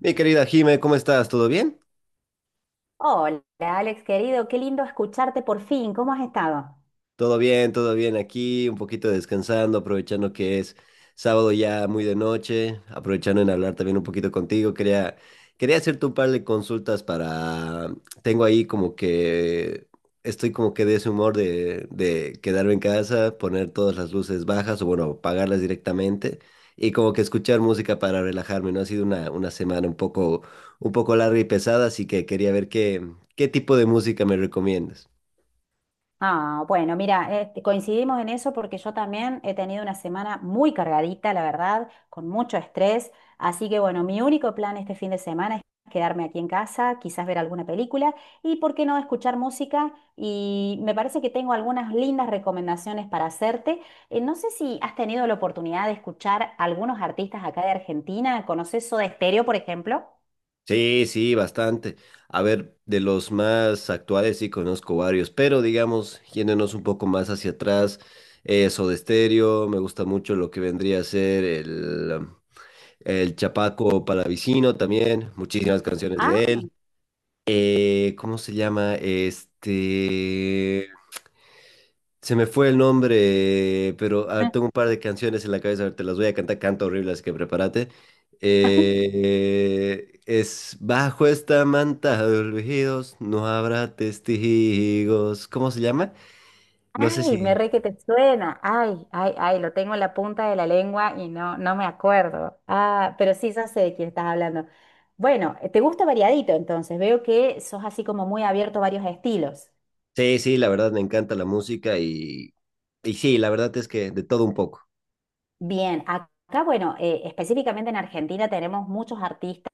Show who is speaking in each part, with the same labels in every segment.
Speaker 1: Mi querida Jime, ¿cómo estás? ¿Todo bien?
Speaker 2: Hola, Alex, querido, qué lindo escucharte por fin. ¿Cómo has estado?
Speaker 1: Todo bien, todo bien aquí, un poquito descansando, aprovechando que es sábado ya muy de noche, aprovechando en hablar también un poquito contigo. Quería hacerte un par de consultas para... Tengo ahí como que... Estoy como que de ese humor de quedarme en casa, poner todas las luces bajas o bueno, apagarlas directamente y como que escuchar música para relajarme, ¿no? Ha sido una semana un poco larga y pesada, así que quería ver qué tipo de música me recomiendas.
Speaker 2: Ah, bueno, mira, este, coincidimos en eso porque yo también he tenido una semana muy cargadita, la verdad, con mucho estrés. Así que bueno, mi único plan este fin de semana es quedarme aquí en casa, quizás ver alguna película y, ¿por qué no?, escuchar música. Y me parece que tengo algunas lindas recomendaciones para hacerte. No sé si has tenido la oportunidad de escuchar algunos artistas acá de Argentina. ¿Conoces Soda Stereo, por ejemplo?
Speaker 1: Sí, sí, bastante. A ver, de los más actuales sí conozco varios, pero digamos, yéndonos un poco más hacia atrás, Soda Stereo, me gusta mucho lo que vendría a ser el, el Chapaco Palavicino también, muchísimas canciones de
Speaker 2: Ah.
Speaker 1: él. ¿Cómo se llama? Este... Se me fue el nombre, pero a ver, tengo un par de canciones en la cabeza, a ver, te las voy a cantar, canto horrible, así que prepárate. Es bajo esta manta de olvidos, no habrá testigos. ¿Cómo se llama? No sé
Speaker 2: Ay, me
Speaker 1: si.
Speaker 2: re que te suena. Ay, ay, ay, lo tengo en la punta de la lengua y no, no me acuerdo. Ah, pero sí, ya sé de quién estás hablando. Bueno, te gusta variadito entonces. Veo que sos así como muy abierto a varios estilos.
Speaker 1: Sí, sí, la verdad me encanta la música y sí, la verdad es que de todo un poco.
Speaker 2: Bien, acá, bueno, específicamente en Argentina tenemos muchos artistas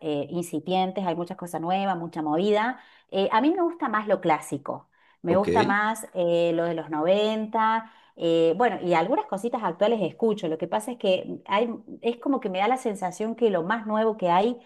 Speaker 2: incipientes, hay muchas cosas nuevas, mucha movida. A mí me gusta más lo clásico, me
Speaker 1: Ok,
Speaker 2: gusta más lo de los noventa. Bueno, y algunas cositas actuales escucho. Lo que pasa es que hay, es como que me da la sensación que lo más nuevo que hay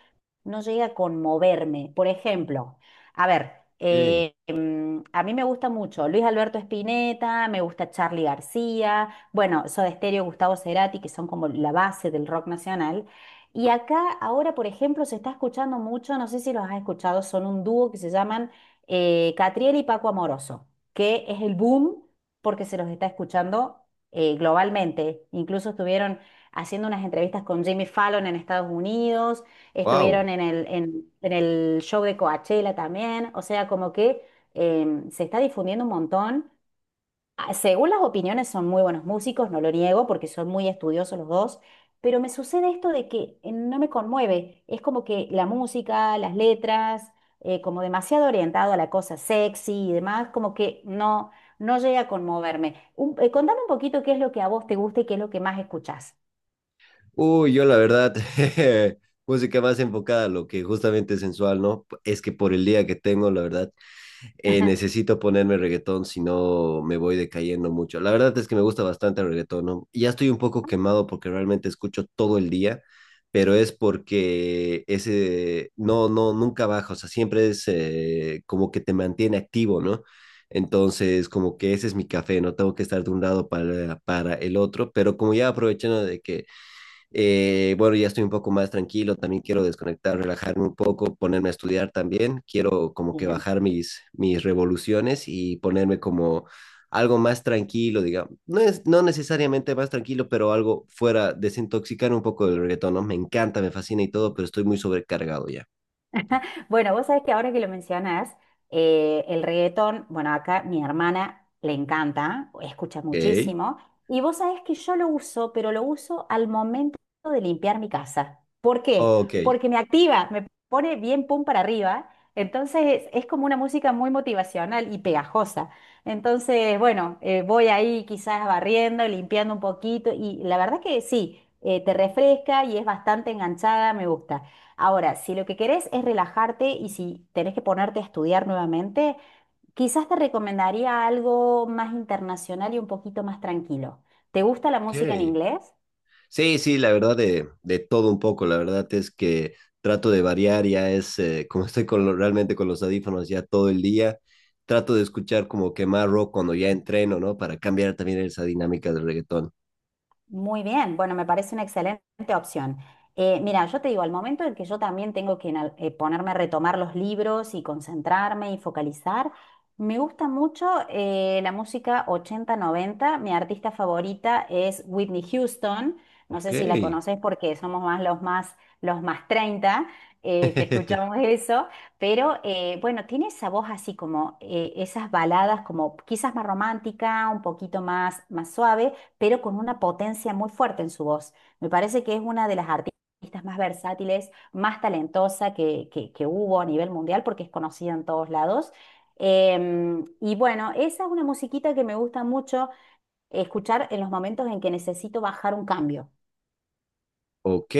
Speaker 2: no llega a conmoverme. Por ejemplo, a ver,
Speaker 1: ok,
Speaker 2: a mí me gusta mucho Luis Alberto Spinetta, me gusta Charly García. Bueno, Soda Stereo, Gustavo Cerati, que son como la base del rock nacional. Y acá ahora, por ejemplo, se está escuchando mucho, no sé si los has escuchado, son un dúo que se llaman Catriel y Paco Amoroso, que es el boom porque se los está escuchando globalmente. Incluso estuvieron haciendo unas entrevistas con Jimmy Fallon en Estados Unidos,
Speaker 1: wow.
Speaker 2: estuvieron en el show de Coachella también, o sea, como que se está difundiendo un montón. Ah, según las opiniones, son muy buenos músicos, no lo niego, porque son muy estudiosos los dos, pero me sucede esto de que no me conmueve. Es como que la música, las letras, como demasiado orientado a la cosa sexy y demás, como que no, no llega a conmoverme. Contame un poquito qué es lo que a vos te gusta y qué es lo que más escuchás.
Speaker 1: Uy, yo la verdad, música más enfocada a lo que justamente es sensual, ¿no? Es que por el día que tengo, la verdad. Eh, necesito ponerme reggaetón, si no me voy decayendo mucho. La verdad es que me gusta bastante el reggaetón, ¿no? Ya estoy un poco quemado porque realmente escucho todo el día, pero es porque ese, no, no, nunca baja, o sea, siempre es como que te mantiene activo, ¿no? Entonces, como que ese es mi café, no tengo que estar de un lado para el otro, pero como ya aprovechando de que bueno, ya estoy un poco más tranquilo, también quiero desconectar, relajarme un poco, ponerme a estudiar también, quiero como que
Speaker 2: Bien.
Speaker 1: bajar mis revoluciones y ponerme como algo más tranquilo, digamos, no es, no necesariamente más tranquilo, pero algo fuera, desintoxicar un poco del reggaetón, ¿no? Me encanta, me fascina y todo, pero estoy muy sobrecargado ya.
Speaker 2: Bueno, vos sabés que ahora que lo mencionás, el reggaetón, bueno, acá mi hermana le encanta, escucha
Speaker 1: Ok,
Speaker 2: muchísimo, y vos sabés que yo lo uso, pero lo uso al momento de limpiar mi casa. ¿Por qué?
Speaker 1: ok,
Speaker 2: Porque me activa, me pone bien pum para arriba, entonces es como una música muy motivacional y pegajosa. Entonces, bueno, voy ahí quizás barriendo, limpiando un poquito, y la verdad que sí, te refresca y es bastante enganchada, me gusta. Ahora, si lo que querés es relajarte y si tenés que ponerte a estudiar nuevamente, quizás te recomendaría algo más internacional y un poquito más tranquilo. ¿Te gusta la música en
Speaker 1: ok.
Speaker 2: inglés?
Speaker 1: Sí, sí, la verdad de todo un poco, la verdad es que trato de variar, ya es, como estoy con lo- realmente con los audífonos ya todo el día, trato de escuchar como que más rock cuando ya entreno, ¿no? Para cambiar también esa dinámica del reggaetón.
Speaker 2: Muy bien, bueno, me parece una excelente opción. Mira, yo te digo, al momento en que yo también tengo que ponerme a retomar los libros y concentrarme y focalizar, me gusta mucho la música 80 90. Mi artista favorita es Whitney Houston. No
Speaker 1: Ok,
Speaker 2: sé si la conocés porque somos más los más 30 que escuchamos eso, pero bueno, tiene esa voz así como esas baladas como quizás más romántica, un poquito más, más suave pero con una potencia muy fuerte en su voz. Me parece que es una de las artistas más versátiles, más talentosa que hubo a nivel mundial porque es conocida en todos lados. Y bueno, esa es una musiquita que me gusta mucho escuchar en los momentos en que necesito bajar un cambio.
Speaker 1: ok,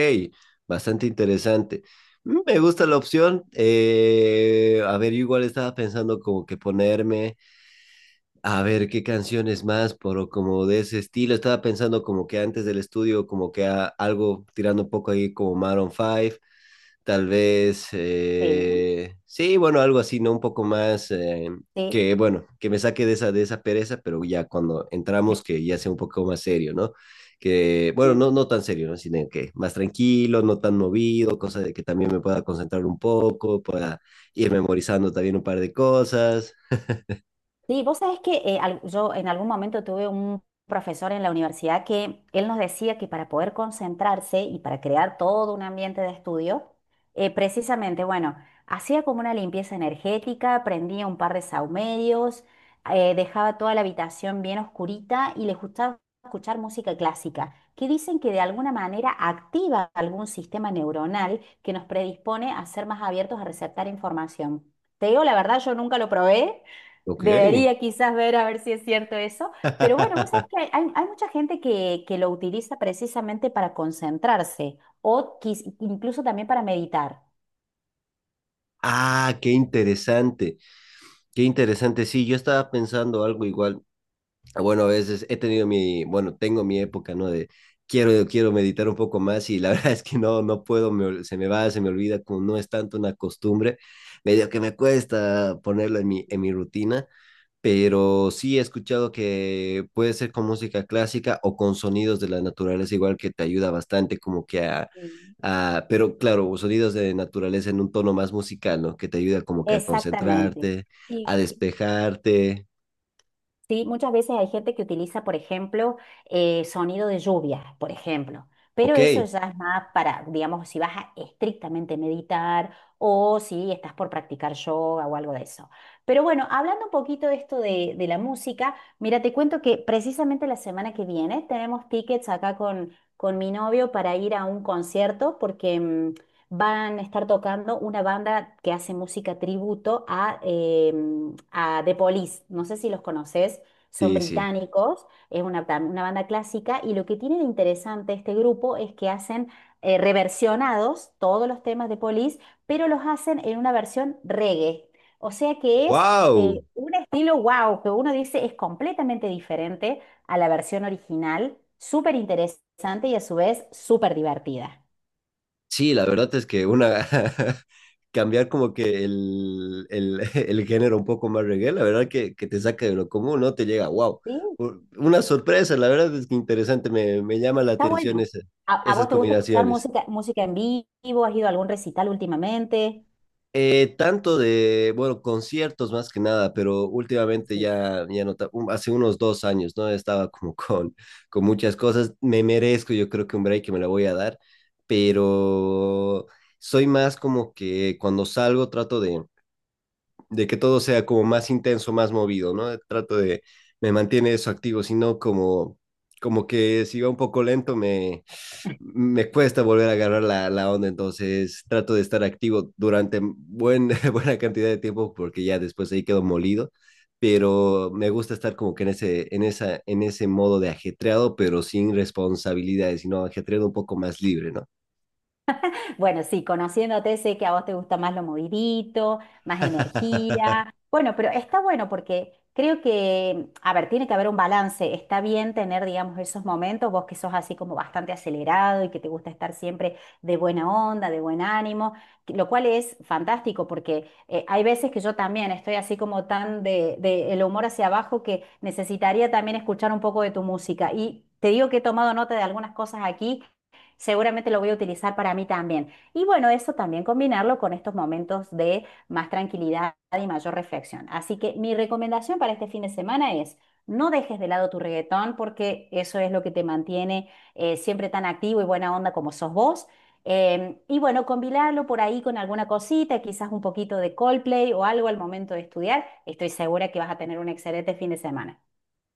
Speaker 1: bastante interesante. Mm, me gusta la opción. Eh, a ver, yo igual estaba pensando como que ponerme... A ver, ¿qué canciones más? Pero como de ese estilo, estaba pensando como que antes del estudio, como que a- algo tirando un poco ahí como Maroon 5, tal vez,
Speaker 2: Sí.
Speaker 1: sí, bueno, algo así, ¿no? Un poco más
Speaker 2: Sí,
Speaker 1: que, bueno, que me saque de esa pereza, pero ya cuando entramos que ya sea un poco más serio, ¿no? Que, bueno,
Speaker 2: sí.
Speaker 1: no, no tan serio, ¿no? Sino que más tranquilo, no tan movido, cosa de que también me pueda concentrar un poco, pueda ir memorizando también un par de cosas.
Speaker 2: Sí, vos sabés que yo en algún momento tuve un profesor en la universidad que él nos decía que para poder concentrarse y para crear todo un ambiente de estudio, precisamente, bueno, hacía como una limpieza energética, prendía un par de saumerios, dejaba toda la habitación bien oscurita y le gustaba escuchar música clásica, que dicen que de alguna manera activa algún sistema neuronal que nos predispone a ser más abiertos a receptar información. Te digo la verdad, yo nunca lo probé.
Speaker 1: Ok.
Speaker 2: Debería quizás ver a ver si es cierto eso, pero bueno, vos sabés que hay- hay mucha gente que lo utiliza precisamente para concentrarse o quiz- incluso también para meditar.
Speaker 1: Ah, qué interesante, qué interesante. Sí, yo estaba pensando algo igual. Ah, bueno, a veces he tenido mi, bueno, tengo mi época, ¿no? De quiero meditar un poco más y la verdad es que no, no puedo, me ol- se me va, se me olvida, como no es tanto una costumbre, medio que me cuesta ponerlo en en mi rutina pero sí he escuchado que puede ser con música clásica o con sonidos de la naturaleza, igual que te ayuda bastante como que
Speaker 2: Ujú.
Speaker 1: a- pero claro, sonidos de naturaleza en un tono más musical, ¿no? Que te ayuda como que a
Speaker 2: Exactamente.
Speaker 1: concentrarte, a despejarte.
Speaker 2: Sí, muchas veces hay gente que utiliza, por ejemplo, sonido de lluvia, por ejemplo, pero
Speaker 1: Ok,
Speaker 2: eso ya es más para, digamos, si vas a estrictamente meditar o si estás por practicar yoga o algo de eso. Pero bueno, hablando un poquito de esto de la música, mira, te cuento que precisamente la semana que viene tenemos tickets acá con mi novio para ir a un concierto porque van a estar tocando una banda que hace música tributo a The Police. No sé si los conoces, son
Speaker 1: sí, sí.
Speaker 2: británicos, es una banda clásica y lo que tiene de interesante este grupo es que hacen reversionados todos los temas de Police, pero los hacen en una versión reggae. O sea que es
Speaker 1: ¡Wow!
Speaker 2: un estilo wow, que uno dice es completamente diferente a la versión original, súper interesante y a su vez súper divertida.
Speaker 1: Sí, la verdad es que una cambiar como que el género un poco más reggae, la verdad que te saca de lo común, ¿no? Te llega, wow, una sorpresa, la verdad es que interesante, me llama la
Speaker 2: Está
Speaker 1: atención
Speaker 2: bueno.
Speaker 1: esa-
Speaker 2: ¿A
Speaker 1: esas
Speaker 2: vos te gusta escuchar
Speaker 1: combinaciones.
Speaker 2: música, música en vivo? ¿Has ido a algún recital últimamente?
Speaker 1: Tanto de, bueno, conciertos más que nada, pero últimamente
Speaker 2: Sí.
Speaker 1: ya, ya no, ta- un- hace unos 2 años, ¿no? Estaba como con muchas cosas, me merezco, yo creo que un break que me la voy a dar, pero soy más como que cuando salgo trato de que todo sea como más intenso, más movido, ¿no? Trato de, me mantiene eso activo, sino como, como que si va un poco lento me, me cuesta volver a agarrar la onda, entonces trato de estar activo durante buen, buena cantidad de tiempo porque ya después ahí quedo molido, pero me gusta estar como que en ese modo de ajetreado, pero sin responsabilidades, sino ajetreado un poco más libre, ¿no?
Speaker 2: Bueno, sí, conociéndote sé que a vos te gusta más lo movidito, más energía. Bueno, pero está bueno porque creo que, a ver, tiene que haber un balance. Está bien tener, digamos, esos momentos, vos que sos así como bastante acelerado y que te gusta estar siempre de buena onda, de buen ánimo, lo cual es fantástico porque hay veces que yo también estoy así como tan de el humor hacia abajo que necesitaría también escuchar un poco de tu música. Y te digo que he tomado nota de algunas cosas aquí. Seguramente lo voy a utilizar para mí también. Y bueno, eso también combinarlo con estos momentos de más tranquilidad y mayor reflexión. Así que mi recomendación para este fin de semana es, no dejes de lado tu reggaetón porque eso es lo que te mantiene siempre tan activo y buena onda como sos vos. Y bueno, combinarlo por ahí con alguna cosita, quizás un poquito de Coldplay o algo al momento de estudiar. Estoy segura que vas a tener un excelente fin de semana.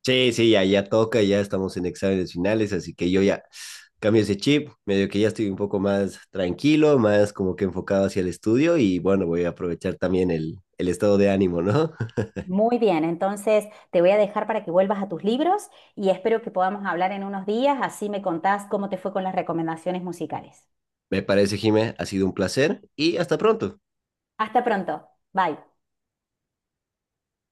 Speaker 1: Sí, sí, ya toca, ya estamos en exámenes finales, así que yo ya cambio ese chip, medio que ya estoy un poco más tranquilo, más como que enfocado hacia el estudio y bueno, voy a aprovechar también el estado de ánimo, ¿no?
Speaker 2: Muy bien, entonces te voy a dejar para que vuelvas a tus libros y espero que podamos hablar en unos días, así me contás cómo te fue con las recomendaciones musicales.
Speaker 1: Me parece, Jimé, ha sido un placer y hasta pronto.
Speaker 2: Hasta pronto. Bye.